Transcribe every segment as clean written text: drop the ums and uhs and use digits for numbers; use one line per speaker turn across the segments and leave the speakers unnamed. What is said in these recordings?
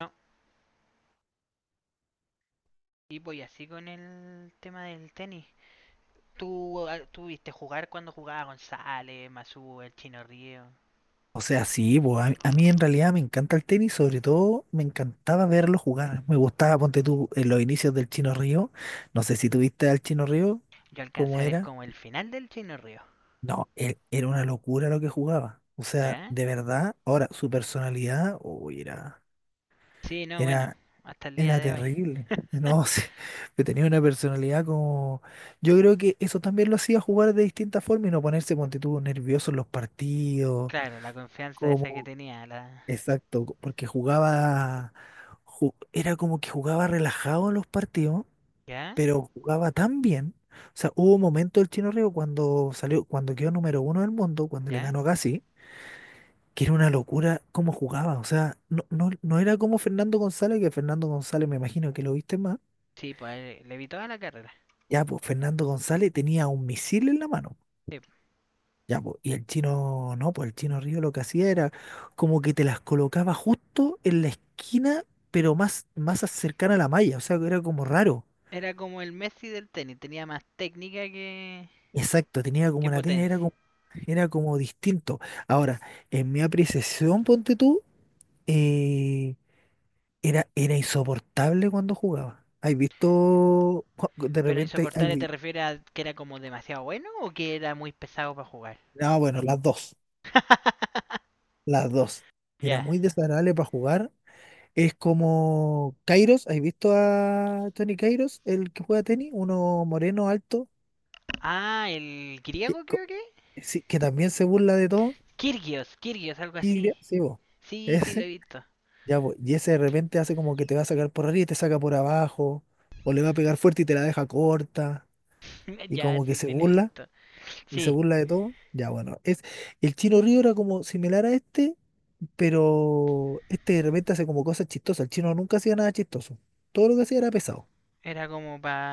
No, y voy así con el tema del tenis. ¿Tú viste jugar cuando jugaba González, Masú, el Chino Río?
O sea, sí, pues, a mí en realidad me encanta el tenis, sobre todo me encantaba verlo jugar. Me gustaba, ponte tú, en los inicios del Chino Río. No sé si tuviste al Chino Río,
Yo alcancé
¿cómo
a ver
era?
como el final del Chino Río.
No, él, era una locura lo que jugaba. O sea,
¿Ya?
de verdad, ahora su personalidad, uy,
Sí, no, bueno,
era,
hasta el día
era
de hoy.
terrible. No sé, que tenía una personalidad como. Yo creo que eso también lo hacía jugar de distinta forma y no ponerse, ponte tú, nervioso en los partidos.
Claro, la confianza esa que
Como.
tenía, la.
Exacto, porque jugaba, era como que jugaba relajado los partidos,
¿Ya?
pero jugaba tan bien. O sea, hubo un momento el Chino Río cuando salió, cuando quedó número uno del mundo, cuando le
¿Ya?
ganó a Gassi, que era una locura cómo jugaba. O sea, no era como Fernando González, que Fernando González me imagino que lo viste más.
Sí, pues le vi toda la carrera.
Ya, pues Fernando González tenía un misil en la mano.
Sí.
Ya, po, y el chino, no, pues el chino Río lo que hacía era como que te las colocaba justo en la esquina, pero más cercana a la malla, o sea, que era como raro.
Era como el Messi del tenis, tenía más técnica que,
Exacto, tenía como
que
una tina,
potencia.
era como distinto. Ahora, en mi apreciación, ponte tú, eh, era, era insoportable cuando jugaba. ¿Has visto? De
Pero,
repente, hay
¿insoportable te refieres a que era como demasiado bueno o que era muy pesado para jugar?
no, bueno, las dos, las dos. Era
Ya.
muy desagradable para jugar. Es como Kairos, ¿has visto a Tony Kairos, el que juega tenis? Uno moreno, alto,
Ah, el
que,
griego creo que.
sí, que también se burla de todo.
Kirgios, Kirgios, algo
Y
así.
diría, sí, vos,
Sí, sí lo
ese,
he visto.
ya, vos, y ese de repente hace como que te va a sacar por arriba y te saca por abajo, o le va a pegar fuerte y te la deja corta, y
Ya,
como que
sí,
se
sí lo he
burla,
visto.
y se
Sí,
burla de todo. Ya, bueno, es, el Chino Río era como similar a este, pero este de repente hace como cosas chistosas. El chino nunca hacía nada chistoso. Todo lo que hacía era pesado.
era como para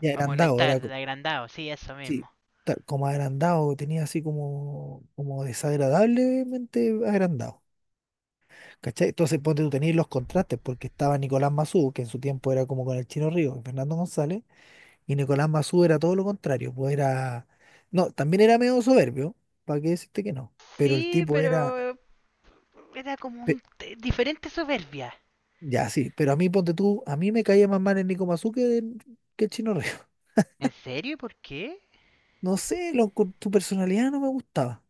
Ya
pa
era agrandado,
molestar,
era.
de agrandado, sí, eso mismo.
Sí, como agrandado, tenía así como, como desagradablemente agrandado. ¿Cachai? Entonces ponte tú tenías los contrastes, porque estaba Nicolás Massú, que en su tiempo era como con el Chino Río y Fernando González, y Nicolás Massú era todo lo contrario, pues era. No, también era medio soberbio, ¿para qué decirte que no? Pero el
Sí,
tipo
pero
era.
era como un
pe-
diferente soberbia.
Ya, sí, pero a mí ponte tú, a mí me caía más mal el Nico Massú que, que el Chino Río.
¿En serio? ¿Por qué?
No sé, lo, con tu personalidad no me gustaba.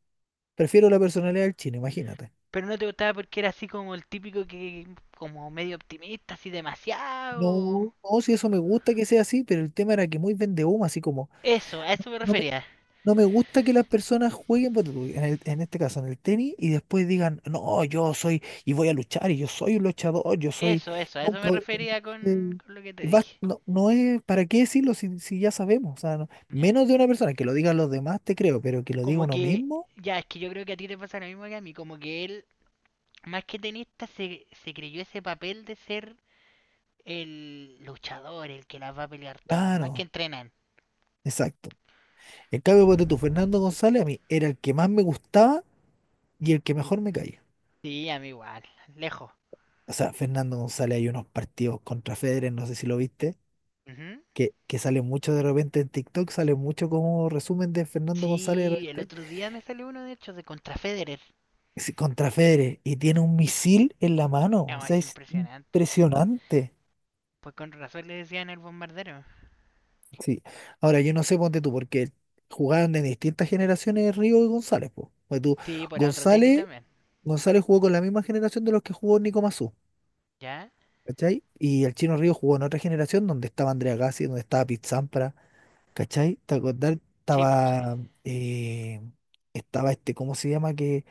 Prefiero la personalidad del Chino, imagínate.
Pero no te gustaba porque era así como el típico que, como medio optimista, así demasiado.
No, no, si eso me gusta que sea así, pero el tema era que muy vende humo, así como,
Eso, a
no,
eso me refería.
no me gusta que las personas jueguen, ponte tú, en este caso, en el tenis, y después digan, no, yo soy, y voy a luchar, y yo soy un luchador, yo soy,
Eso, a eso
nunca,
me
voy-".
refería con,
Entonces,
con lo que te dije.
no, no es, ¿para qué decirlo si, si ya sabemos? O sea, no-
Ya.
menos de una persona, que lo digan los demás, te creo, pero que lo diga
Como
uno
que,
mismo,
ya, es que yo creo que a ti te pasa lo mismo que a mí, como que él, más que tenista, se creyó ese papel de ser el luchador, el que las va a pelear todas, más que
claro,
entrenan.
exacto. En cambio, ponte tú, Fernando González, a mí era el que más me gustaba y el que mejor me caía.
Sí, a mí igual, lejos.
O sea, Fernando González hay unos partidos contra Federer, no sé si lo viste,
Ujú.
que sale mucho de repente en TikTok, sale mucho como resumen de Fernando González de
Sí, el
repente,
otro día me salió uno, de hecho, de contra Federer.
es contra Federer y tiene un misil en la mano. O
Ah,
sea,
es
es
impresionante.
impresionante.
Pues con razón le decían el bombardero.
Sí. Ahora, yo no sé, ponte tú, porque jugaron de distintas generaciones Río y González, pues. Pues tú,
Sí, por otro tenis
González,
también,
González jugó con la misma generación de los que jugó Nico Massú,
¿ya?
¿cachai? Y el Chino Río jugó en otra generación donde estaba Andrea Gassi, donde estaba Pete Sampras. ¿Cachai? ¿Te acordás?
Sí, pues sí.
Estaba, eh, estaba este, ¿cómo se llama? Que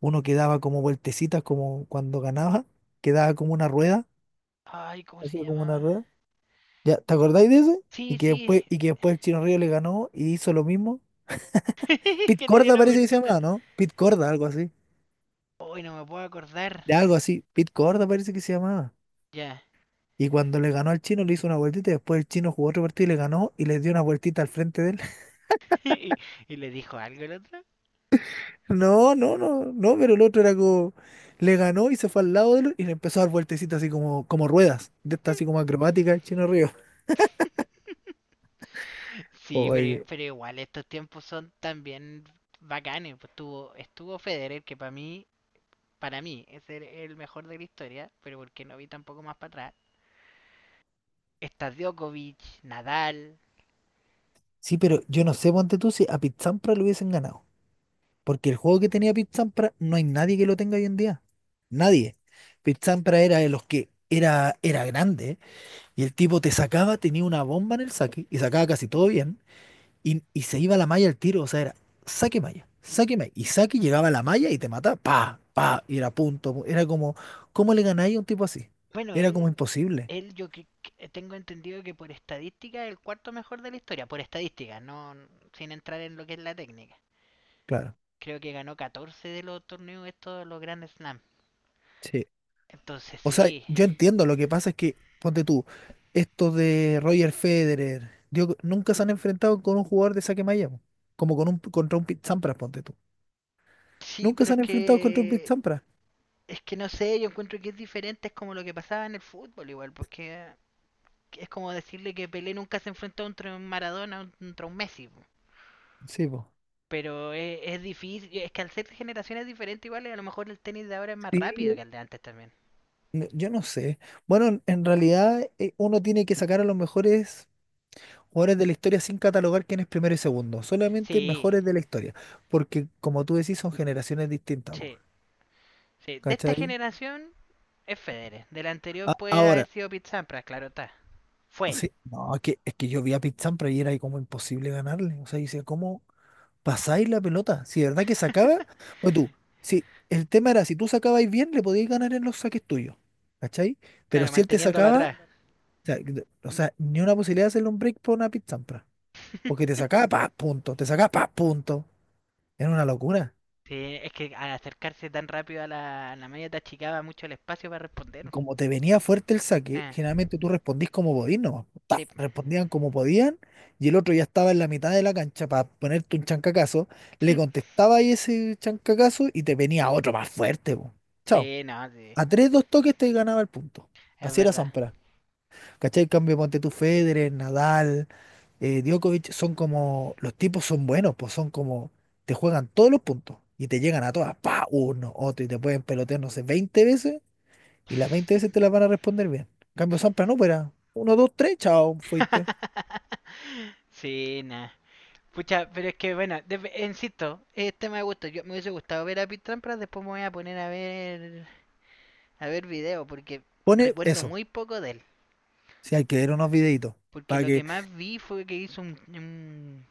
uno quedaba como vueltecitas, como cuando ganaba, quedaba como una rueda,
Ay, ¿cómo se
hacía como una
llamaba?
rueda. ¿Ya? ¿Te acordáis de ese? Y
Sí,
que
sí,
después, y que después el Chino Río le ganó y hizo lo mismo. Pit
que le dio
Corda
la
parece que se
vueltita.
llamaba, ¿no? Pit Corda, algo así.
Uy, no me puedo acordar.
De algo así. Pit Corda parece que se llamaba.
Ya.
Y cuando le ganó al Chino le hizo una vueltita y después el Chino jugó otro partido y le ganó y le dio una vueltita al frente de él.
Y, y le dijo algo el otro.
No, no, no, no, pero el otro era como, le ganó y se fue al lado de él y le empezó a dar vueltecitas así como, como ruedas, de estas así como acrobáticas, el Chino Río.
Sí, pero,
Oye,
pero igual estos tiempos son también bacanes, pues. Estuvo Federer, que para mí es el mejor de la historia, pero porque no vi tampoco más para atrás. Está Djokovic, Nadal.
sí, pero yo no sé, ponte tú, si a Pizzampra lo hubiesen ganado, porque el juego que tenía Pizzampra no hay nadie que lo tenga hoy en día, nadie. Pizzampra era de los que era, era grande y el tipo te sacaba, tenía una bomba en el saque y sacaba casi todo bien. Y se iba a la malla el tiro, o sea, era saque malla, saque malla. Y saque llegaba a la malla y te mataba, pa, pa, y era punto. Era como, ¿cómo le ganáis a un tipo así?
Bueno,
Era como
él,
imposible,
él tengo entendido que por estadística es el cuarto mejor de la historia, por estadística, no sin entrar en lo que es la técnica.
claro.
Creo que ganó 14 de los torneos estos, los Grand Slam.
Sí,
Entonces
o sea,
sí,
yo entiendo, lo que pasa es que, ponte tú, estos de Roger Federer, Djokovic, nunca se han enfrentado con un jugador de saque malla, po. Como con un, contra un Pete Sampras, ponte tú.
sí,
Nunca
pero
se
es
han enfrentado contra un Pete
que
Sampras.
Es que no sé, yo encuentro que es diferente, es como lo que pasaba en el fútbol igual, porque es como decirle que Pelé nunca se enfrentó contra un Maradona, contra un Messi, po.
Sí, po.
Pero es difícil, es que al ser de generaciones diferentes igual, y a lo mejor el tenis de ahora es más rápido que
Sí,
el de antes también.
no, yo no sé. Bueno, en realidad uno tiene que sacar a los mejores jugadores de la historia sin catalogar quién es primero y segundo, solamente
Sí,
mejores de la historia, porque como tú decís, son generaciones distintas, po,
sí, sí. De esta
¿cachai?
generación es Federer, de la anterior puede haber
Ahora,
sido Pete Sampras, claro está. Fue.
sí, no, es que yo vi a Pete Sampras y era ahí como imposible ganarle, o sea, dice, ¿cómo pasáis la pelota? Si de verdad que sacaba, o tú, si el tema era, si tú sacabais bien, le podías ganar en los saques tuyos, ¿cachai? Pero
Claro,
si él te
manteniéndolo
sacaba,
atrás.
o sea, o sea, ni una posibilidad de hacerle un break por una Pete Sampras, porque te sacaba, pa, punto, te sacaba, pa, punto, era una locura.
Sí, es que al acercarse tan rápido a la malla te achicaba mucho el espacio para
Y
responder.
como te venía fuerte el saque,
Ah.
generalmente tú respondís como podís nomás. Ta,
Sí.
respondían como podían y el otro ya estaba en la mitad de la cancha para ponerte un chancacazo. Le contestaba ahí ese chancacazo y te venía otro más fuerte, po.
Sí,
Chao.
no, sí.
A tres, dos toques te ganaba el punto.
Es
Así era
verdad.
Sampras. ¿Cachai? En cambio, ponte tú, Federer, Nadal, Djokovic, son como, los tipos son buenos, pues son como, te juegan todos los puntos y te llegan a todas, pa, uno, otro, y te pueden pelotear, no sé, 20 veces y las 20 veces te las van a responder bien. En cambio, Sampras no, pero uno, dos, tres, chao, fuiste.
Sí, nada. Pucha, pero es que bueno, insisto, es tema de gusto. Yo me hubiese gustado ver a Pete Trampras, después me voy a poner a ver video, porque
Pone
recuerdo
eso.
muy poco de él.
Si hay que ver unos videitos.
Porque
Para
lo que
que.
más vi fue que hizo un, un,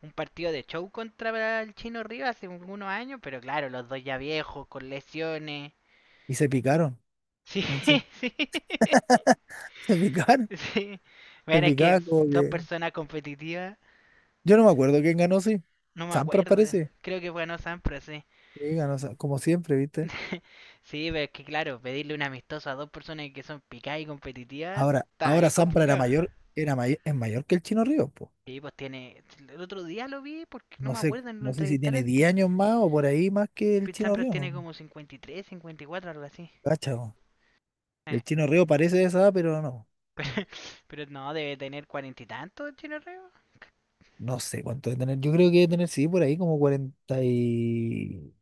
un partido de show contra el Chino Rivas hace unos años, pero claro, los dos ya viejos, con lesiones.
Y se picaron.
Sí,
¿No? Sí,
sí.
se picaron.
Sí.
Se
Bueno, es que es
picaron como
dos
que.
personas competitivas.
Yo no me acuerdo quién ganó, sí.
No me
Sampras
acuerdo.
parece.
Creo que ganó Sampras, sí.
Sí, ganó, como siempre, ¿viste?
Sí, pero es que claro, pedirle un amistoso a dos personas que son picadas y competitivas
Ahora,
está
ahora
bien
Sampras era
complicado.
mayor, era es mayor que el Chino Río, pues.
Sí, pues tiene. El otro día lo vi porque no
No
me
sé,
acuerdo, lo
no sé si tiene
entrevistaron.
10 años más o por ahí más que el
Pete
Chino
Sampras
Río,
tiene
no.
como 53, 54, algo así.
Cacha, po.
Eh,
El Chino Río parece de esa edad, pero no. No.
pero, pero no, debe tener cuarenta y tantos, Chino Reo.
No sé cuánto debe tener. Yo creo que debe tener, sí, por ahí como 40 y...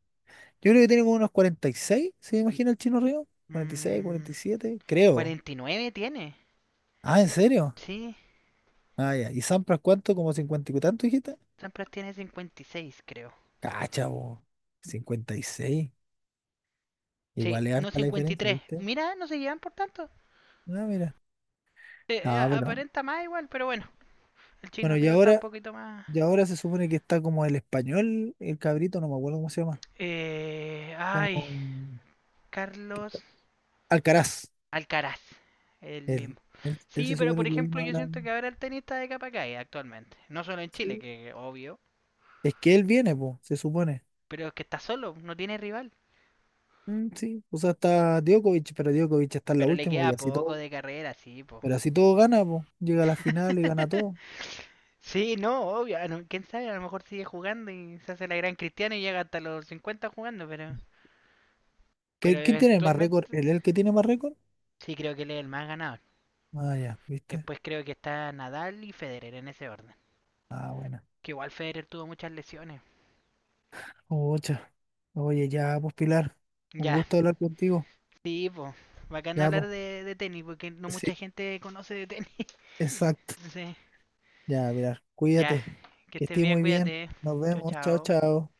Yo creo que tiene como unos 46, ¿se imagina el Chino Río? cuarenta cuarenta y seis cuarenta y
Mmm.
siete creo.
49 tiene.
Ah, ¿en serio?
Sí,
Ah, ya. ¿Y Sampras cuánto? ¿Como 50 y tanto, dijiste?
Sampras tiene 56, creo.
Cacha, po. 56.
Sí,
Igual es
no
harta la
cincuenta y
diferencia,
tres.
¿viste?
Mira, no se llevan por tanto.
Ah, mira. Ah, pero...
Aparenta más igual, pero bueno. El chino
Bueno,
Río está un poquito más.
y ahora se supone que está como el español, el cabrito, no me acuerdo cómo se llama.
Ay,
Como... que está-
Carlos
Alcaraz.
Alcaraz. El mismo.
Él. Él
Sí,
se
pero
supone
por
que viene
ejemplo, yo
ahora...
siento que ahora el tenista de Capacay actualmente. No solo en Chile,
Sí,
que obvio.
es que él viene, pues, se supone.
Pero es que está solo, no tiene rival.
Mm, sí, o sea, está Djokovic, pero Djokovic está en la
Pero le
última y
queda
así
poco
todo.
de carrera, sí, po.
Pero así todo gana, pues. Llega a la final y gana todo.
Sí, no, obvio. No, quién sabe, a lo mejor sigue jugando y se hace la gran cristiana y llega hasta los 50 jugando, pero. Pero
¿Qué- ¿Quién tiene más récord?
eventualmente
El que tiene más récord?
sí, creo que él es el más ganador.
Ah, ya, ¿viste?
Después creo que está Nadal y Federer en ese orden.
Ah, buena.
Que igual Federer tuvo muchas lesiones.
Ocha. Oye, ya, pues, Pilar. Un
Ya,
gusto hablar contigo.
sí, pues. Bacán
Ya,
hablar
pues.
de tenis porque no mucha
Sí,
gente conoce de tenis.
exacto.
Sí.
Ya, Pilar.
Ya,
Cuídate.
que
Que
estés
estés
bien,
muy bien.
cuídate.
Nos
Chao,
vemos. Chao,
chao.
chao.